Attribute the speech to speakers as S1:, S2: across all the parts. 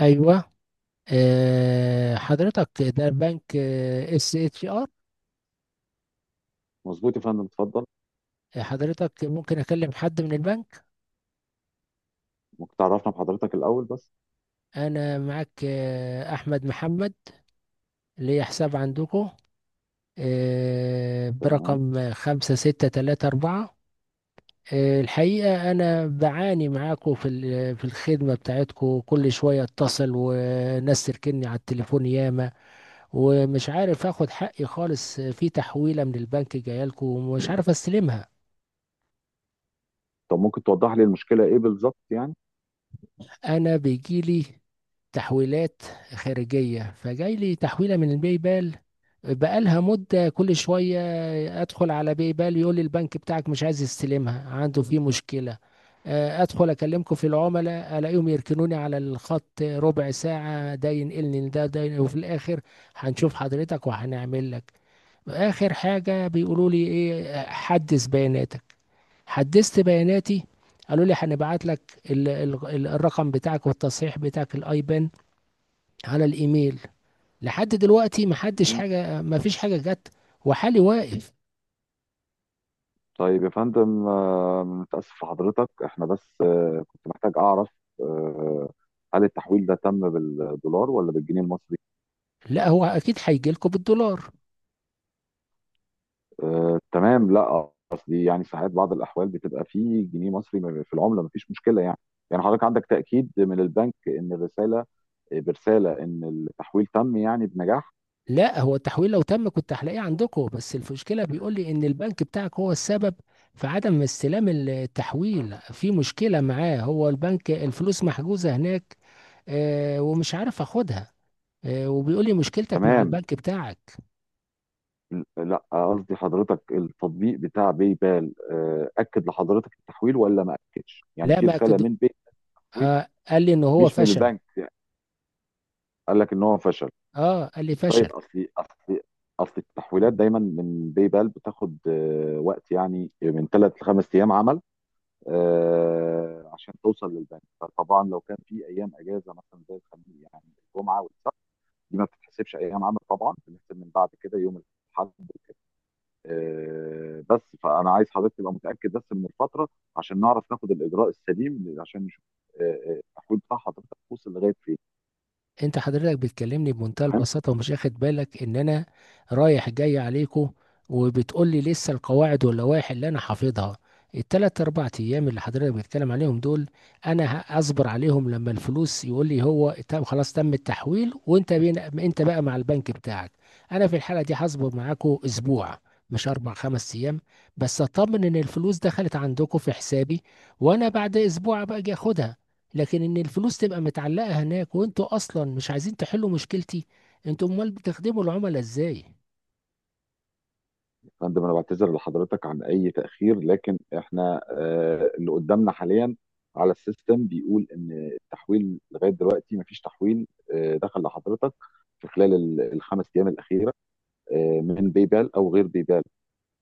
S1: ايوه. حضرتك، ده البنك اس اتش ار.
S2: مظبوط يا فندم، اتفضل.
S1: حضرتك ممكن اكلم حد من البنك؟
S2: ممكن تعرفنا بحضرتك الأول بس؟
S1: انا معاك. احمد محمد، ليا حساب عندكم،
S2: تمام.
S1: برقم 5634. الحقيقة أنا بعاني معاكم في الخدمة بتاعتكم، كل شوية أتصل وناس تركني على التليفون ياما، ومش عارف آخد حقي خالص في تحويلة من البنك جاية لكم ومش عارف أستلمها.
S2: طب ممكن توضح لي المشكلة إيه بالظبط يعني؟
S1: انا بيجيلي تحويلات خارجية، فجاي لي تحويلة من الباي بال بقالها مدة. كل شوية أدخل على باي بال يقول لي البنك بتاعك مش عايز يستلمها، عنده فيه مشكلة. أدخل أكلمكم في العملاء ألاقيهم يركنوني على الخط 1/4 ساعة، ده ينقلني ده ده، وفي الآخر هنشوف حضرتك وهنعمل لك. آخر حاجة بيقولوا لي إيه؟ حدث بياناتك. حدثت بياناتي. قالوا لي هنبعت لك الرقم بتاعك والتصحيح بتاعك الايبان على الايميل. لحد دلوقتي ما حدش
S2: مم.
S1: حاجه، ما فيش حاجه جت، وحالي واقف.
S2: طيب يا فندم، متأسف في حضرتك. إحنا بس كنت محتاج أعرف آه، هل التحويل ده تم بالدولار ولا بالجنيه المصري؟
S1: لا، هو اكيد هيجي لكم بالدولار.
S2: تمام. لا قصدي يعني ساعات بعض الأحوال بتبقى فيه جنيه مصري في العملة، مفيش مشكلة يعني. يعني حضرتك عندك تأكيد من البنك إن الرسالة، برسالة إن التحويل تم يعني بنجاح؟
S1: لا، هو التحويل لو تم كنت هلاقيه عندكم، بس المشكله بيقول لي ان البنك بتاعك هو السبب في عدم استلام التحويل، في مشكله معاه هو البنك، الفلوس محجوزه هناك ومش عارف اخدها، وبيقول لي مشكلتك مع
S2: تمام.
S1: البنك بتاعك.
S2: لا قصدي حضرتك، التطبيق بتاع باي بال اكد لحضرتك التحويل ولا ما اكدش؟ يعني
S1: لا،
S2: في
S1: ما.
S2: رساله من باي بال،
S1: آه، قال لي ان هو
S2: مش من
S1: فشل.
S2: البنك. قال لك ان هو فشل؟
S1: اه قال لي فشل.
S2: طيب، اصل التحويلات دايما من باي بال بتاخد وقت يعني من ثلاث لخمس ايام عمل، عشان توصل للبنك. فطبعا لو كان في ايام اجازه مثلا زي الخميس، يعني الجمعه والسبت، دي ما بتتحسبش ايام عمل. طبعا بنحسب من بعد كده يوم الاحد. بس فانا عايز حضرتك تبقى متاكد بس من الفتره، عشان نعرف ناخد الاجراء السليم، عشان نشوف آه، التحويل بتاع حضرتك وصل لغايه فين.
S1: انت حضرتك بتكلمني بمنتهى
S2: تمام
S1: البساطه ومش واخد بالك ان انا رايح جاي عليكم، وبتقول لي لسه القواعد واللوائح اللي انا حافظها. التلات اربع ايام اللي حضرتك بتتكلم عليهم دول، انا هصبر عليهم لما الفلوس يقول لي هو تم خلاص، تم التحويل وانت بين، انت بقى مع البنك بتاعك. انا في الحاله دي هصبر معاكم اسبوع، مش اربع خمس ايام، بس اطمن ان الفلوس دخلت عندكم في حسابي، وانا بعد اسبوع ابقى اجي اخدها. لكن ان الفلوس تبقى متعلقه هناك وانتوا اصلا مش عايزين تحلوا مشكلتي، انتوا امال بتخدموا العملاء ازاي؟
S2: يا فندم، انا بعتذر لحضرتك عن اي تاخير، لكن احنا اللي قدامنا حاليا على السيستم بيقول ان التحويل لغايه دلوقتي مفيش تحويل دخل لحضرتك في خلال الخمس ايام الاخيره، من باي بال او غير باي بال.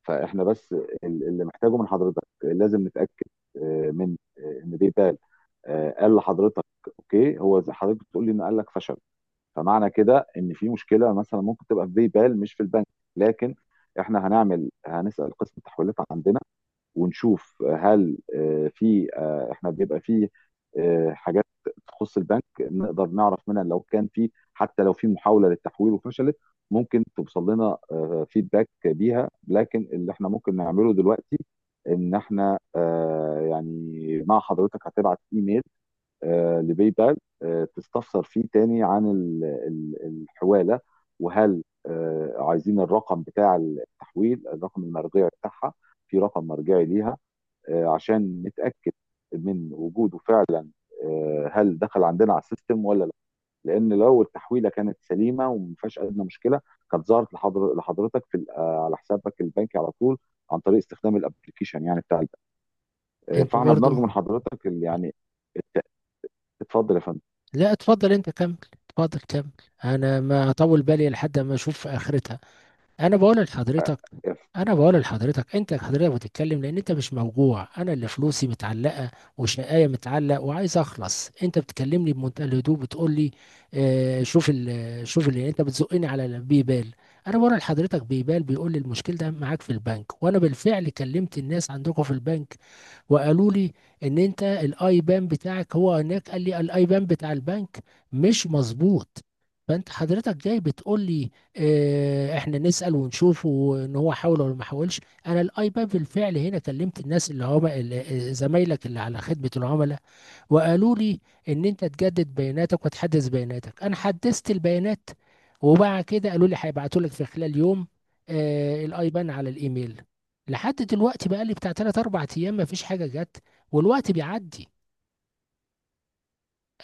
S2: فاحنا بس اللي محتاجه من حضرتك لازم نتاكد من ان بيتقال قال لحضرتك. اوكي، هو زي حضرتك بتقول لي انه قال لك فشل، فمعنى كده ان في مشكله مثلا ممكن تبقى في بيبال، مش في البنك. لكن احنا هنسال قسم التحويلات عندنا ونشوف هل في احنا بيبقى في حاجات تخص البنك، نقدر نعرف منها لو كان في، حتى لو في محاولة للتحويل وفشلت ممكن توصل لنا فيدباك بيها. لكن اللي احنا ممكن نعمله دلوقتي ان احنا يعني مع حضرتك هتبعت ايميل لباي بال تستفسر فيه تاني عن الحوالة. وهل عايزين الرقم بتاع التحويل، الرقم المرجعي بتاعها، في رقم مرجعي ليها عشان نتاكد من وجوده فعلا، هل دخل عندنا على السيستم ولا لا. لان لو التحويله كانت سليمه وما فيهاش ادنى مشكله، كانت ظهرت لحضرتك في على حسابك البنكي على طول، عن طريق استخدام الابلكيشن يعني بتاع البنك.
S1: انت
S2: فاحنا
S1: برضو.
S2: بنرجو من حضرتك يعني الت- اتفضل يا فندم.
S1: لا، اتفضل انت كمل، اتفضل كمل. انا ما اطول بالي لحد ما اشوف اخرتها. انا بقول لحضرتك، انا بقول لحضرتك، انت حضرتك بتتكلم لان انت مش موجوع، انا اللي فلوسي متعلقه وشقايه متعلق وعايز اخلص. انت بتكلمني بمنتهى الهدوء بتقول لي آه، شوف اللي انت بتزقني على بيبال. انا بقول لحضرتك، بيبال بيقول لي المشكله ده معاك في البنك، وانا بالفعل كلمت الناس عندكم في البنك وقالوا لي ان انت الاي بان بتاعك، هو هناك قال لي الاي بان بتاع البنك مش مظبوط. فانت حضرتك جاي بتقول لي اه احنا نسأل ونشوف ان هو حاول ولا ما حاولش. انا الاي بان بالفعل هنا، كلمت الناس اللي هم زمايلك اللي على خدمة العملاء، وقالوا لي ان انت تجدد بياناتك وتحدث بياناتك. انا حدثت البيانات، وبعد كده قالوا لي هيبعتوا لك في خلال يوم، آه، الايبان على الايميل. لحد دلوقتي بقى لي بتاع 3 4 ايام ما فيش حاجه جت، والوقت بيعدي،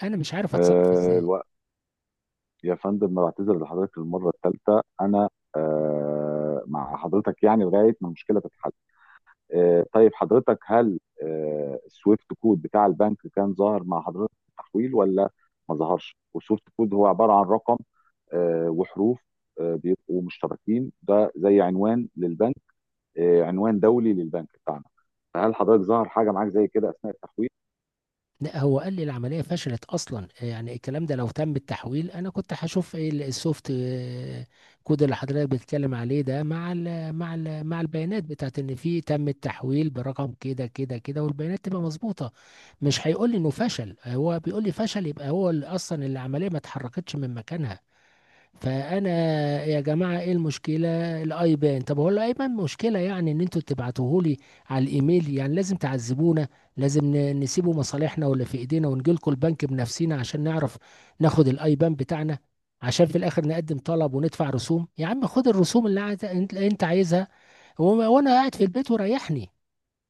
S1: انا مش عارف اتصرف ازاي.
S2: الوقت يا فندم، بعتذر لحضرتك المره الثالثه. انا مع حضرتك يعني لغايه ما المشكله تتحل. طيب حضرتك، هل السويفت كود بتاع البنك كان ظاهر مع حضرتك في التحويل ولا ما ظهرش؟ والسويفت كود هو عبارة عن رقم وحروف بيبقوا مشتركين، ده زي عنوان للبنك، عنوان دولي للبنك بتاعنا. فهل حضرتك ظهر حاجة معاك زي كده أثناء التحويل؟
S1: لا، هو قال لي العملية فشلت أصلا. يعني الكلام ده لو تم التحويل أنا كنت هشوف إيه السوفت كود اللي حضرتك بتتكلم عليه ده مع البيانات بتاعت إن في تم التحويل برقم كده كده كده والبيانات تبقى مظبوطة. مش هيقول لي إنه فشل. هو بيقول لي فشل، يبقى هو اللي أصلا العملية ما اتحركتش من مكانها. فانا، يا جماعه ايه المشكله الايبان؟ طب هو الايبان مشكله يعني ان انتوا تبعتوه لي على الايميل؟ يعني لازم تعذبونا؟ لازم نسيبوا مصالحنا ولا في ايدينا ونجي لكم البنك بنفسنا عشان نعرف ناخد الايبان بتاعنا؟ عشان في الاخر نقدم طلب وندفع رسوم. يا عم خد الرسوم اللي انت عايزها، و- وانا قاعد في البيت وريحني.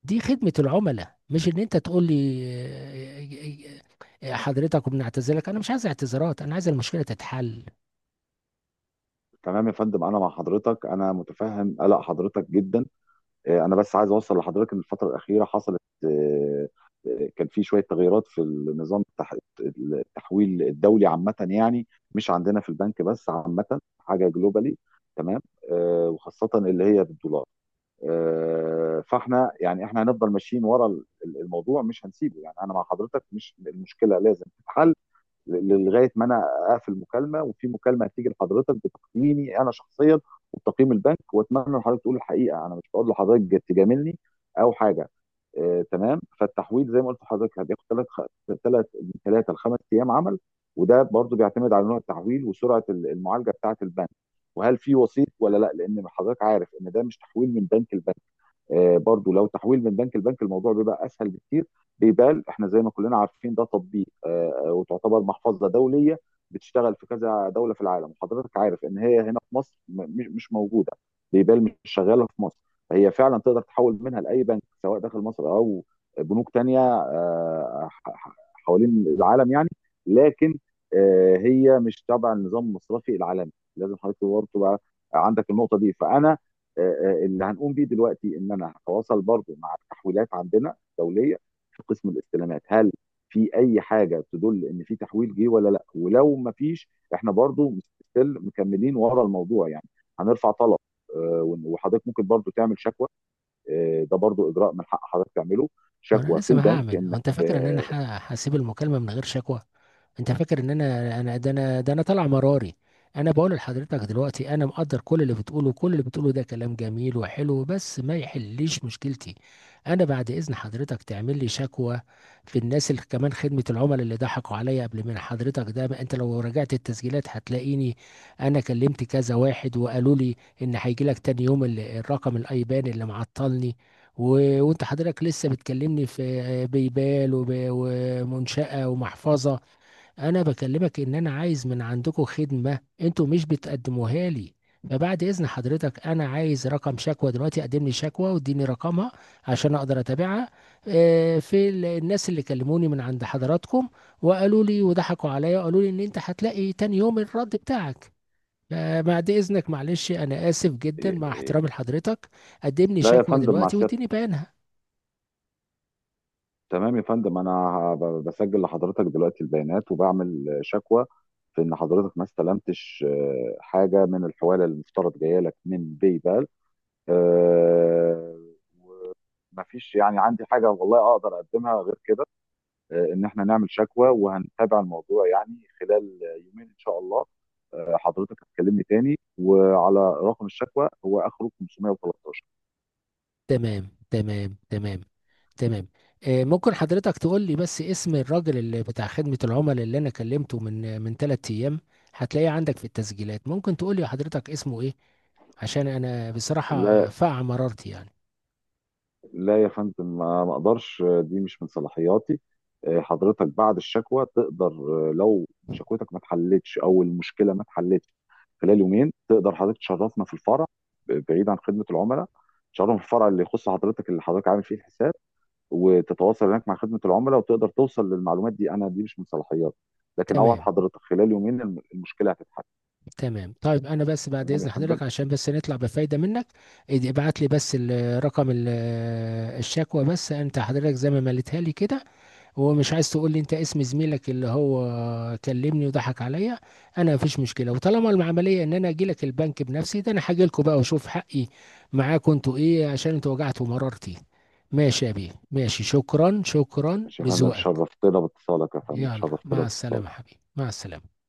S1: دي خدمه العملاء مش ان انت تقول لي حضرتك وبنعتذرك. انا مش عايز اعتذارات، انا عايز المشكله تتحل.
S2: تمام يا فندم، أنا مع حضرتك. أنا متفهم قلق حضرتك جدا. انا بس عايز اوصل لحضرتك ان الفتره الاخيره حصلت آه، كان في شويه تغييرات في النظام التحويل الدولي عامه يعني، مش عندنا في البنك بس، عامه حاجه جلوبالي. تمام. وخاصه اللي هي بالدولار. فاحنا يعني احنا هنفضل ماشيين ورا الموضوع، مش هنسيبه يعني. انا مع حضرتك، مش المشكله لازم تتحل لغايه ما انا اقفل مكالمه، وفي مكالمه هتيجي لحضرتك بتقييمي انا شخصيا وبتقييم البنك. واتمنى ان حضرتك تقول الحقيقه، انا مش بقول لحضرتك تجاملني او حاجه. تمام. فالتحويل زي ما قلت لحضرتك هتاخد ثلاث ثلاث من ثلاثه لخمس ايام عمل. وده برضو بيعتمد على نوع التحويل وسرعه المعالجه بتاعه البنك، وهل في وسيط ولا لا، لان حضرتك عارف ان ده مش تحويل من بنك لبنك. برضو لو تحويل من بنك لبنك، الموضوع بيبقى اسهل بكتير. بيبال احنا زي ما كلنا عارفين ده تطبيق وتعتبر محفظه دوليه، بتشتغل في كذا دوله في العالم. وحضرتك عارف ان هي هنا في مصر مش مش موجوده. بيبال مش شغاله في مصر. فهي فعلا تقدر تحول منها لاي بنك، سواء داخل مصر او بنوك تانية حوالين العالم يعني. لكن هي مش تبع النظام المصرفي العالمي، لازم حضرتك برضه تبقى عندك النقطه دي. فانا آه، اللي هنقوم بيه دلوقتي ان انا هتواصل برضو مع التحويلات عندنا الدوليه في قسم الاستلامات، هل في اي حاجه تدل ان في تحويل جه ولا لا. ولو ما فيش، احنا برضو ستيل مكملين ورا الموضوع يعني، هنرفع طلب. وحضرتك ممكن برضو تعمل شكوى. ده برضو اجراء من حق حضرتك تعمله،
S1: وانا
S2: شكوى في
S1: لسه ما انا لازم
S2: البنك،
S1: هعمل؟ هو
S2: انك
S1: انت فاكر ان انا
S2: آه،
S1: هسيب المكالمة من غير شكوى؟ انت فاكر ان انا ده انا ده انا طالع مراري. انا بقول لحضرتك دلوقتي، انا مقدر كل اللي بتقوله، كل اللي بتقوله ده كلام جميل وحلو بس ما يحليش مشكلتي. انا بعد اذن حضرتك تعمل لي شكوى في الناس اللي كمان خدمة العملاء اللي ضحكوا عليا قبل من حضرتك ده، ما انت لو راجعت التسجيلات هتلاقيني. انا كلمت كذا واحد وقالوا لي ان هيجي لك تاني يوم الرقم الايبان اللي معطلني، و... وانت حضرتك لسه بتكلمني في بيبال ومنشأة ومحفظة. انا بكلمك ان انا عايز من عندكم خدمة انتوا مش بتقدموها لي. فبعد اذن حضرتك، انا عايز رقم شكوى دلوقتي. قدم لي شكوى واديني رقمها عشان اقدر اتابعها. في الناس اللي كلموني من عند حضراتكم وقالوا لي وضحكوا عليا وقالوا لي ان انت هتلاقي تاني يوم الرد بتاعك. فبعد اذنك معلش انا اسف جدا
S2: آه،
S1: مع
S2: آه،
S1: احترامي لحضرتك، قدم لي
S2: لا يا
S1: شكوى
S2: فندم، مع
S1: دلوقتي
S2: سيادة.
S1: واديني بيانها.
S2: تمام يا فندم، انا بسجل لحضرتك دلوقتي البيانات وبعمل شكوى في ان حضرتك ما استلمتش حاجه من الحواله اللي المفترض جايه لك من باي بال. ما فيش يعني عندي حاجه والله اقدر اقدمها غير كده، ان احنا نعمل شكوى. وهنتابع الموضوع يعني خلال يومين ان شاء الله. حضرتك هتكلمني تاني، وعلى رقم الشكوى، هو اخره 513.
S1: تمام، تمام، تمام، تمام. ممكن حضرتك تقول لي بس اسم الراجل اللي بتاع خدمة العملاء اللي انا كلمته من 3 ايام؟ هتلاقيه عندك في التسجيلات. ممكن تقول لي حضرتك اسمه ايه؟ عشان انا بصراحة فاع مرارتي يعني.
S2: لا يا فندم، ما اقدرش، دي مش من صلاحياتي. حضرتك بعد الشكوى تقدر، لو شكوتك ما اتحلتش او المشكله ما اتحلتش خلال يومين، تقدر حضرتك تشرفنا في الفرع، بعيد عن خدمه العملاء. تشرفنا في الفرع اللي يخص حضرتك، اللي حضرتك عامل فيه الحساب، وتتواصل هناك مع خدمه العملاء وتقدر توصل للمعلومات دي. انا دي مش من صلاحياتي، لكن اوعد
S1: تمام،
S2: حضرتك خلال يومين المشكله هتتحل.
S1: تمام. طيب انا بس بعد
S2: تمام يا
S1: اذن
S2: فندم.
S1: حضرتك، عشان بس نطلع بفايدة منك، ابعت لي بس رقم الشكوى بس، انت حضرتك زي ما مليتها لي كده. هو مش عايز تقول لي انت اسم زميلك اللي هو كلمني وضحك عليا. انا مفيش مشكله، وطالما العمليه ان انا اجي لك البنك بنفسي، ده انا هاجي لكم بقى واشوف حقي معاكم انتوا ايه، عشان انتوا وجعتوا مرارتي. ماشي يا بيه ماشي، شكرا، شكرا
S2: ماشي يا فندم،
S1: لذوقك.
S2: شرفتنا باتصالك يا فندم،
S1: يلا
S2: شرفتنا
S1: مع السلامه
S2: باتصالك.
S1: حبيبي، مع السلامه.